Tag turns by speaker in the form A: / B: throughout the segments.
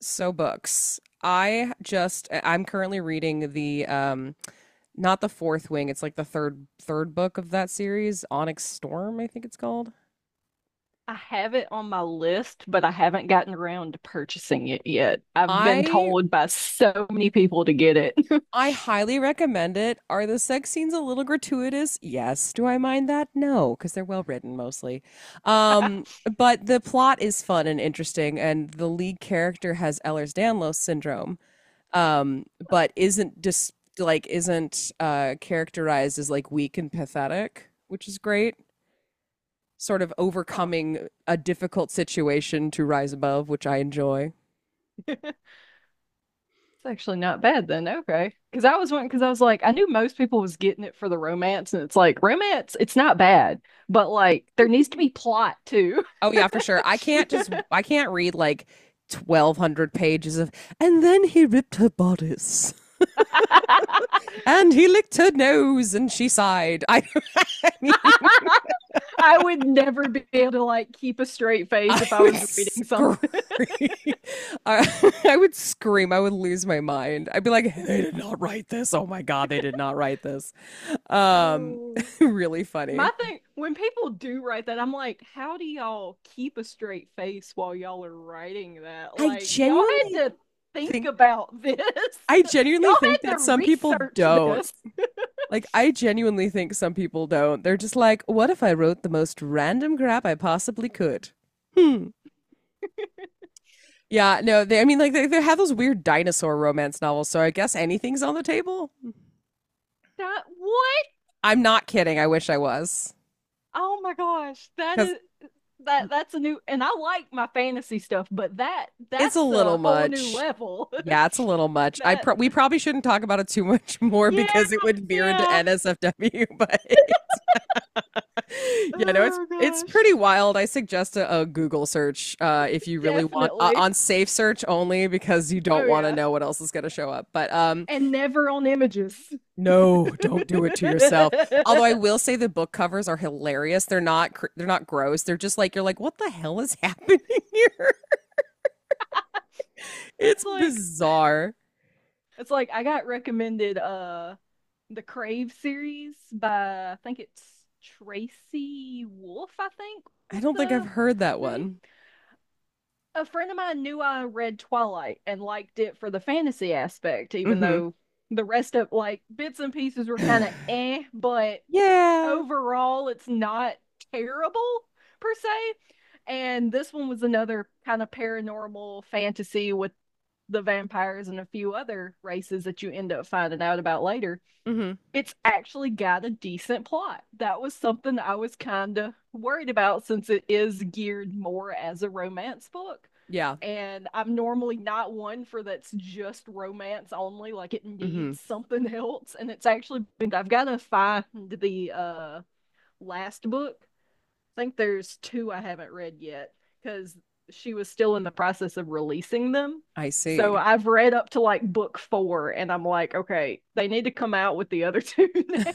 A: So books. I'm currently reading the not the Fourth Wing, it's like the third book of that series, Onyx Storm, I think it's called.
B: I have it on my list, but I haven't gotten around to purchasing it yet. I've been
A: I
B: told by so many people to get it.
A: I highly recommend it. Are the sex scenes a little gratuitous? Yes. Do I mind that? No, because they're well written mostly. Um, but the plot is fun and interesting, and the lead character has Ehlers Danlos syndrome, but isn't characterized as like weak and pathetic, which is great. Sort of
B: Oh,
A: overcoming a difficult situation to rise above, which I enjoy.
B: it's actually not bad then. Okay. Because I was one, because I was like, I knew most people was getting it for the romance, and it's like, romance, it's not bad, but like, there needs to be plot too.
A: Oh yeah, for sure. I can't read like 1,200 pages of and then he ripped her bodice and he licked her nose and she sighed. I mean
B: I would never be able to like keep a straight face
A: I
B: if I
A: would
B: was reading
A: scream.
B: something.
A: I would scream. I would lose my mind. I'd be like, they did not write this. Oh my God, they did not write this. Um,
B: My
A: really funny.
B: thing, when people do write that, I'm like, how do y'all keep a straight face while y'all are writing that?
A: I
B: Like, y'all had
A: genuinely
B: to think
A: think,
B: about this.
A: I genuinely
B: Y'all
A: think
B: had to
A: that some people
B: research
A: don't.
B: this.
A: Like, I genuinely think some people don't. They're just like, what if I wrote the most random crap I possibly could? Hmm. Yeah, no, they, I mean, like, they have those weird dinosaur romance novels, so I guess anything's on the table.
B: That what?
A: I'm not kidding. I wish I was
B: Oh my gosh, that
A: because
B: is that's a new and I like my fantasy stuff, but that
A: it's a
B: that's
A: little
B: a whole new
A: much.
B: level.
A: Yeah, it's a little much.
B: That
A: We probably shouldn't talk about it too much more
B: yeah,
A: because it would veer into
B: yeah.
A: NSFW. But yeah, no, it's
B: Oh
A: it's
B: gosh.
A: pretty wild. I suggest a Google search, if you really want,
B: Definitely.
A: on safe search only because you don't
B: Oh
A: want to
B: yeah.
A: know what else is going to show up. But
B: And never on images.
A: no, don't do it to yourself. Although I
B: it's
A: will say the book covers are hilarious. They're not gross. They're just like you're like, what the hell is happening here? It's
B: like
A: bizarre.
B: it's like I got recommended the Crave series by I think it's Tracy Wolf, I think
A: I
B: was
A: don't think
B: the
A: I've heard that
B: name.
A: one.
B: A friend of mine knew I read Twilight and liked it for the fantasy aspect, even
A: Mm-hmm.
B: though the rest of like bits and pieces were
A: yeah.
B: kinda eh, but
A: Yeah.
B: overall it's not terrible per se. And this one was another kind of paranormal fantasy with the vampires and a few other races that you end up finding out about later,
A: Mm-hmm.
B: it's actually got a decent plot. That was something I was kind of worried about since it is geared more as a romance book.
A: Yeah.
B: And I'm normally not one for that's just romance only, like it
A: Mm-hmm.
B: needs something else. And it's actually been, I've got to find the last book, I think there's two I haven't read yet because she was still in the process of releasing them.
A: I
B: So
A: see.
B: I've read up to like book four, and I'm like, okay, they need to come out with the other two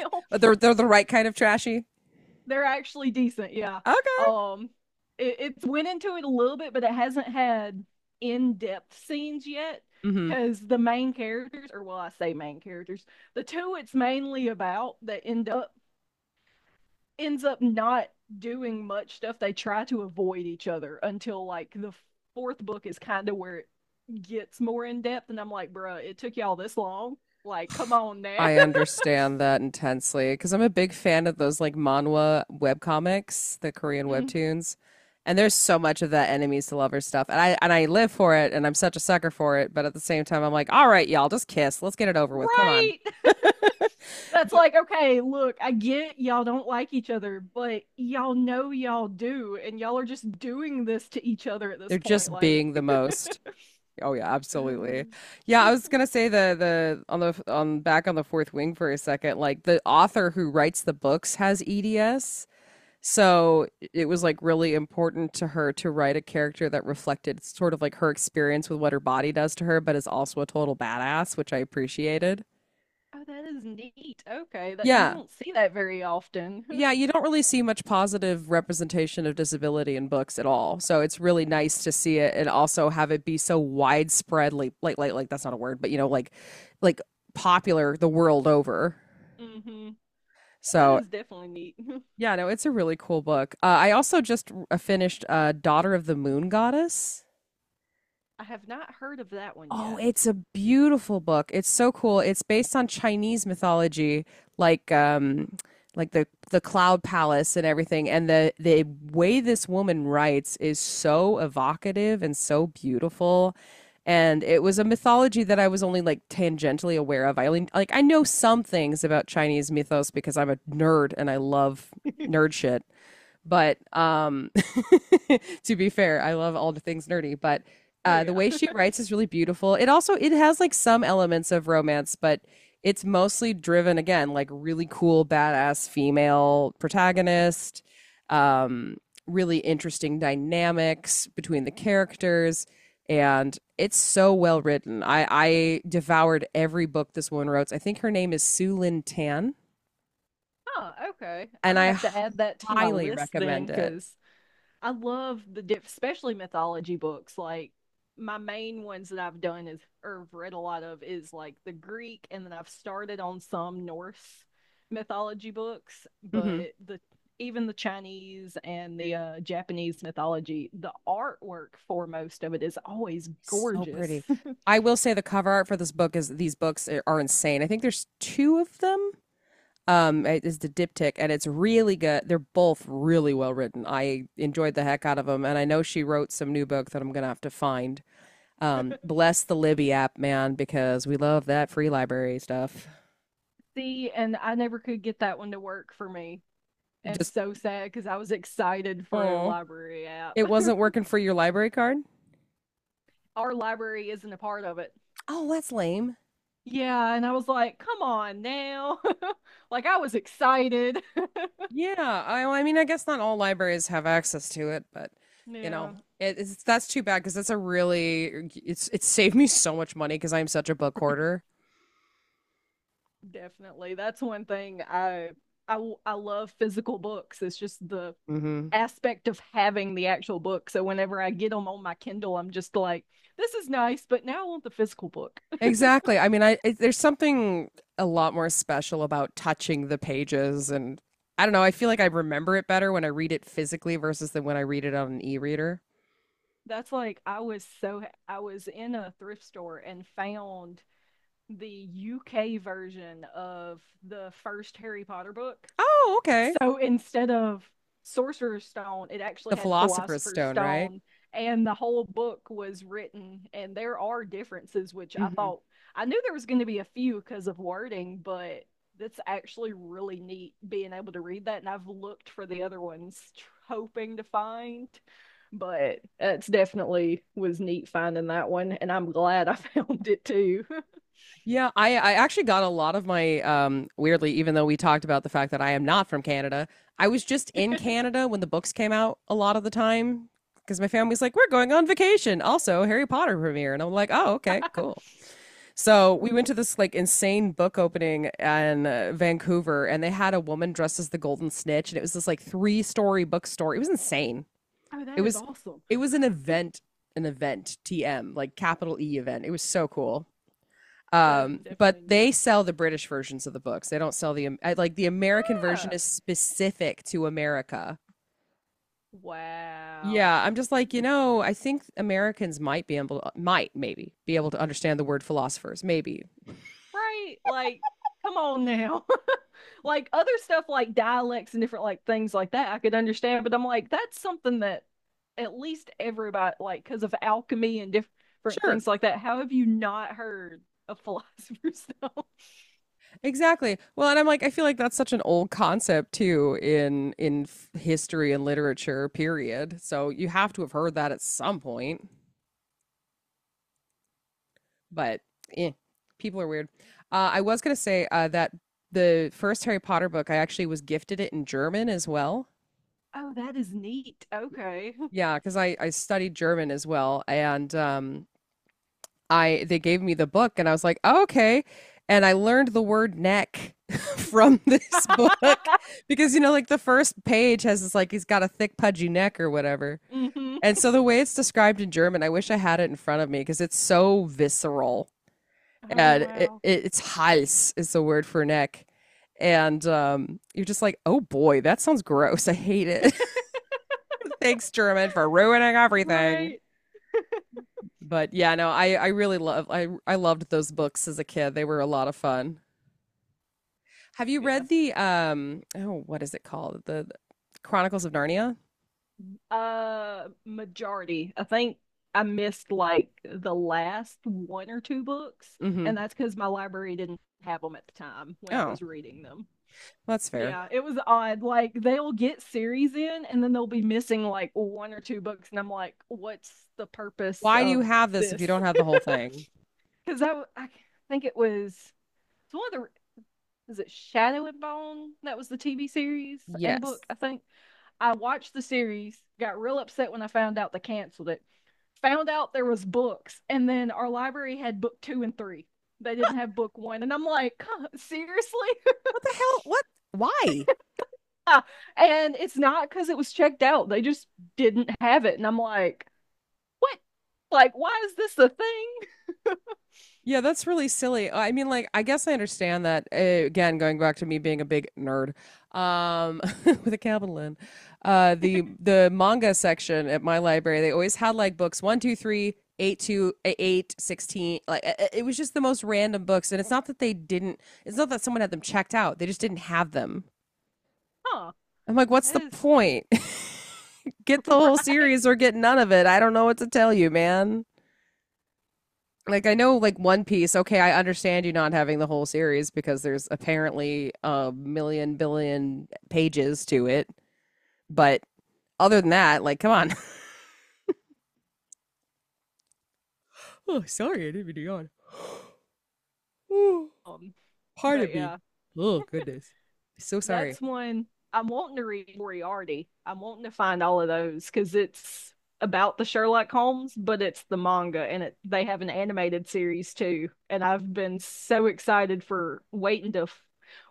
B: now.
A: They're the right kind of trashy.
B: They're actually decent, yeah.
A: Okay.
B: Um, it, it's went into it a little bit, but it hasn't had in-depth scenes yet
A: Mm-hmm.
B: because the main characters, or well, I say main characters, the two it's mainly about that end up ends up not doing much stuff. They try to avoid each other until like the fourth book is kind of where it gets more in depth. And I'm like, bruh, it took y'all this long. Like, come on now.
A: I understand that intensely because I'm a big fan of those like manhwa webcomics, the Korean webtoons. And there's so much of that enemies to lovers stuff. And I live for it and I'm such a sucker for it, but at the same time I'm like, all right, y'all, just kiss. Let's get it over with. Come on.
B: Right. That's like, okay, look, I get y'all don't like each other, but y'all know y'all do. And y'all are just doing this to each other at this
A: They're
B: point.
A: just
B: Like,
A: being the most. Oh yeah, absolutely. Yeah, I was gonna say the on back on the Fourth Wing for a second, like the author who writes the books has EDS, so it was like really important to her to write a character that reflected sort of like her experience with what her body does to her, but is also a total badass, which I appreciated.
B: oh, that is neat. Okay. That you
A: Yeah,
B: don't see that very often.
A: Yeah, you don't really see much positive representation of disability in books at all. So it's really nice to see it and also have it be so widespread like like that's not a word, but you know, like like popular the world over.
B: Hmm. That
A: So
B: is definitely neat.
A: yeah, no, it's a really cool book. I also just finished Daughter of the Moon Goddess.
B: I have not heard of that one
A: Oh,
B: yet.
A: it's a beautiful book. It's so cool. It's based on Chinese mythology, like like the the cloud palace and everything. And the way this woman writes is so evocative and so beautiful. And it was a mythology that I was only like tangentially aware of. I only like I know some things about Chinese mythos because I'm a nerd and I love nerd shit. But to be fair, I love all the things nerdy. But
B: Oh
A: the
B: yeah.
A: way she writes is really beautiful. It has like some elements of romance, but it's mostly driven again like really cool, badass female protagonist. Um, really interesting dynamics between the characters and it's so well written. I devoured every book this woman wrote. I think her name is Sue Lin Tan,
B: Oh, okay. I'm
A: and
B: gonna
A: I
B: have to add that to my
A: highly
B: list then,
A: recommend it.
B: because I love the diff, especially mythology books. Like my main ones that I've done is or have read a lot of is like the Greek, and then I've started on some Norse mythology books,
A: Hmm.
B: but the even the Chinese and the Japanese mythology, the artwork for most of it is always
A: So
B: gorgeous.
A: pretty. I will say the cover art for this book is are insane. I think there's two of them. It is the diptych, and it's really good. They're both really well written. I enjoyed the heck out of them, and I know she wrote some new book that I'm gonna have to find. Bless the Libby app, man, because we love that free library stuff.
B: See, and I never could get that one to work for me. It's
A: Just
B: so sad because I was excited for a
A: Oh,
B: library app.
A: it wasn't working for your library card.
B: Our library isn't a part of it.
A: Oh, that's lame.
B: Yeah, and I was like, come on now. Like I was excited.
A: Yeah, well, I mean, I guess not all libraries have access to it, but you know,
B: Yeah,
A: it, it's that's too bad because that's a really it saved me so much money because I'm such a book hoarder.
B: definitely. That's one thing I love physical books. It's just the
A: Hmm.
B: aspect of having the actual book. So whenever I get them on my Kindle, I'm just like, this is nice, but now I want the physical book.
A: Exactly. I mean, there's something a lot more special about touching the pages, and I don't know. I feel like I remember it better when I read it physically versus than when I read it on an e-reader.
B: That's like I was so I was in a thrift store and found the UK version of the first Harry Potter book.
A: Oh, okay.
B: So instead of Sorcerer's Stone, it
A: The
B: actually had
A: Philosopher's
B: Philosopher's
A: Stone, right?
B: Stone, and the whole book was written. And there are differences, which I thought I knew there was going to be a few because of wording, but that's actually really neat being able to read that. And I've looked for the other ones, hoping to find, but it's definitely was neat finding that one. And I'm glad I found it too.
A: Yeah, I actually got a lot of my weirdly even though we talked about the fact that I am not from Canada, I was just in Canada when the books came out a lot of the time because my family's like we're going on vacation. Also, Harry Potter premiere and I'm like, "Oh, okay, cool." So, we went to
B: Mm.
A: this like insane book opening in Vancouver and they had a woman dressed as the Golden Snitch and it was this like three-story bookstore. It was insane.
B: Oh,
A: It
B: that is
A: was
B: awesome.
A: it was an event, TM, like capital E event. It was so cool.
B: That is
A: But
B: definitely
A: they
B: neat.
A: sell the British versions of the books. They don't sell the Like the American version
B: Yeah.
A: is specific to America.
B: Wow.
A: Yeah, I'm just like, you know, I think Americans might be able might maybe be able to understand the word philosophers, maybe.
B: Right? Like, come on now. Like other stuff like dialects and different like things like that I could understand, but I'm like, that's something that at least everybody like because of alchemy and different
A: Sure.
B: things like that. How have you not heard of philosopher's stone?
A: Exactly. Well, and I'm like I feel like that's such an old concept too in history and literature period. So you have to have heard that at some point. But eh, people are weird. I was gonna say that the first Harry Potter book, I actually was gifted it in German as well.
B: Oh, that is neat. Okay.
A: Yeah, because I studied German as well, and I they gave me the book, and I was like, oh, okay, and I learned the word neck from this book because you know, like the first page has this like he's got a thick pudgy neck or whatever.
B: Hmm.
A: And so the way it's described in German, I wish I had it in front of me because it's so visceral.
B: Oh
A: And it,
B: wow.
A: it, it's hals is the word for neck. And you're just like, oh boy, that sounds gross. I hate it. Thanks, German, for ruining everything.
B: Right.
A: But yeah, no, I really love I loved those books as a kid. They were a lot of fun. Have you
B: Yeah.
A: read the um oh what is it called? The Chronicles of Narnia?
B: Majority. I think I missed like the last one or two books, and
A: Mm-hmm.
B: that's because my library didn't have them at the time
A: Oh,
B: when I
A: well,
B: was reading them.
A: that's fair.
B: Yeah, it was odd. Like they'll get series in, and then they'll be missing like one or two books, and I'm like, what's the purpose
A: Why do you
B: of
A: have this if you
B: this?
A: don't have the whole thing?
B: Because I think it's one of the is it Shadow and Bone that was the TV series and a
A: Yes.
B: book, I think. I watched the series, got real upset when I found out they canceled it, found out there was books, and then our library had book two and three. They didn't have book one, and I'm like, seriously?
A: What the hell? What? Why?
B: And it's not because it was checked out; they just didn't have it, and I'm like, what? Like, why is this a thing?
A: Yeah, that's really silly. I mean, like, I guess I understand that. Again, going back to me being a big nerd, with a capital N, the manga section at my library, they always had like books one, two, three, eight, eight, 16. Like, it was just the most random books, and it's not that they didn't. It's not that someone had them checked out. They just didn't have them.
B: Huh?
A: I'm like, what's
B: That
A: the
B: is
A: point? Get the whole
B: right.
A: series or get none of it. I don't know what to tell you, man, like I know like One Piece, okay, I understand you not having the whole series because there's apparently a million billion pages to it. But other than that, like come on. Oh, sorry, I didn't mean to yawn. Ooh,
B: Um,
A: pardon
B: but
A: me.
B: yeah.
A: Oh goodness. So sorry.
B: That's one I'm wanting to read Moriarty. I'm wanting to find all of those because it's about the Sherlock Holmes, but it's the manga and it they have an animated series too. And I've been so excited for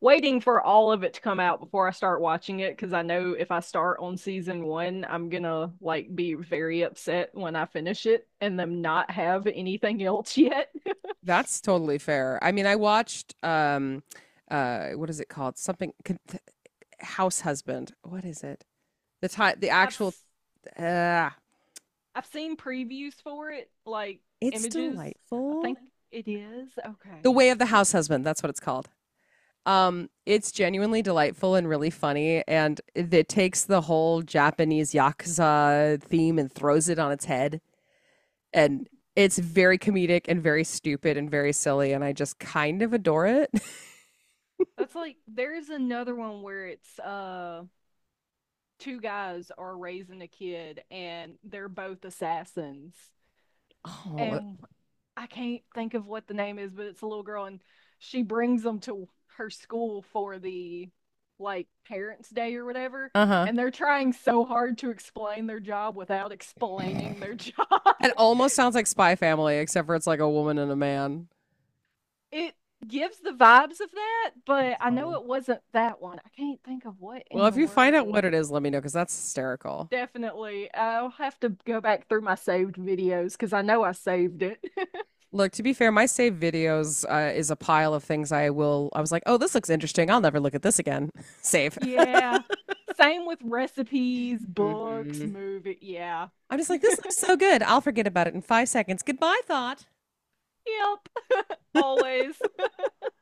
B: waiting for all of it to come out before I start watching it because I know if I start on season one, I'm gonna like be very upset when I finish it and them not have anything else yet.
A: That's totally fair. I mean, I watched what is it called? House Husband. What is it? The time the actual
B: I've
A: uh
B: I've seen previews for it, like
A: it's
B: images. I
A: delightful.
B: think it is.
A: The
B: Okay.
A: Way of the House Husband, that's what it's called. It's genuinely delightful and really funny, and it takes the whole Japanese yakuza theme and throws it on its head. And it's very comedic and very stupid and very silly, and I just kind of adore it.
B: That's like there's another one where it's two guys are raising a kid and they're both assassins.
A: Oh,
B: And I can't think of what the name is, but it's a little girl and she brings them to her school for the like parents day or whatever
A: uh-huh.
B: and they're trying so hard to explain their job without explaining their job.
A: It almost sounds like Spy Family, except for it's like a woman and a man.
B: It gives the vibes of that, but
A: That's
B: I know
A: funny.
B: it wasn't that one. I can't think of what
A: Well,
B: in
A: if
B: the
A: you find out
B: world.
A: what it is, let me know because that's hysterical.
B: Definitely. I'll have to go back through my saved videos because I know I saved it.
A: Look, to be fair, my saved videos, is a pile of things I will. I was like, oh, this looks interesting. I'll never look at this again. Save.
B: Yeah. Same with recipes, books, movie. Yeah.
A: I'm just like, this
B: Yep.
A: looks so good. I'll forget about it in 5 seconds. Goodbye, thought.
B: Always.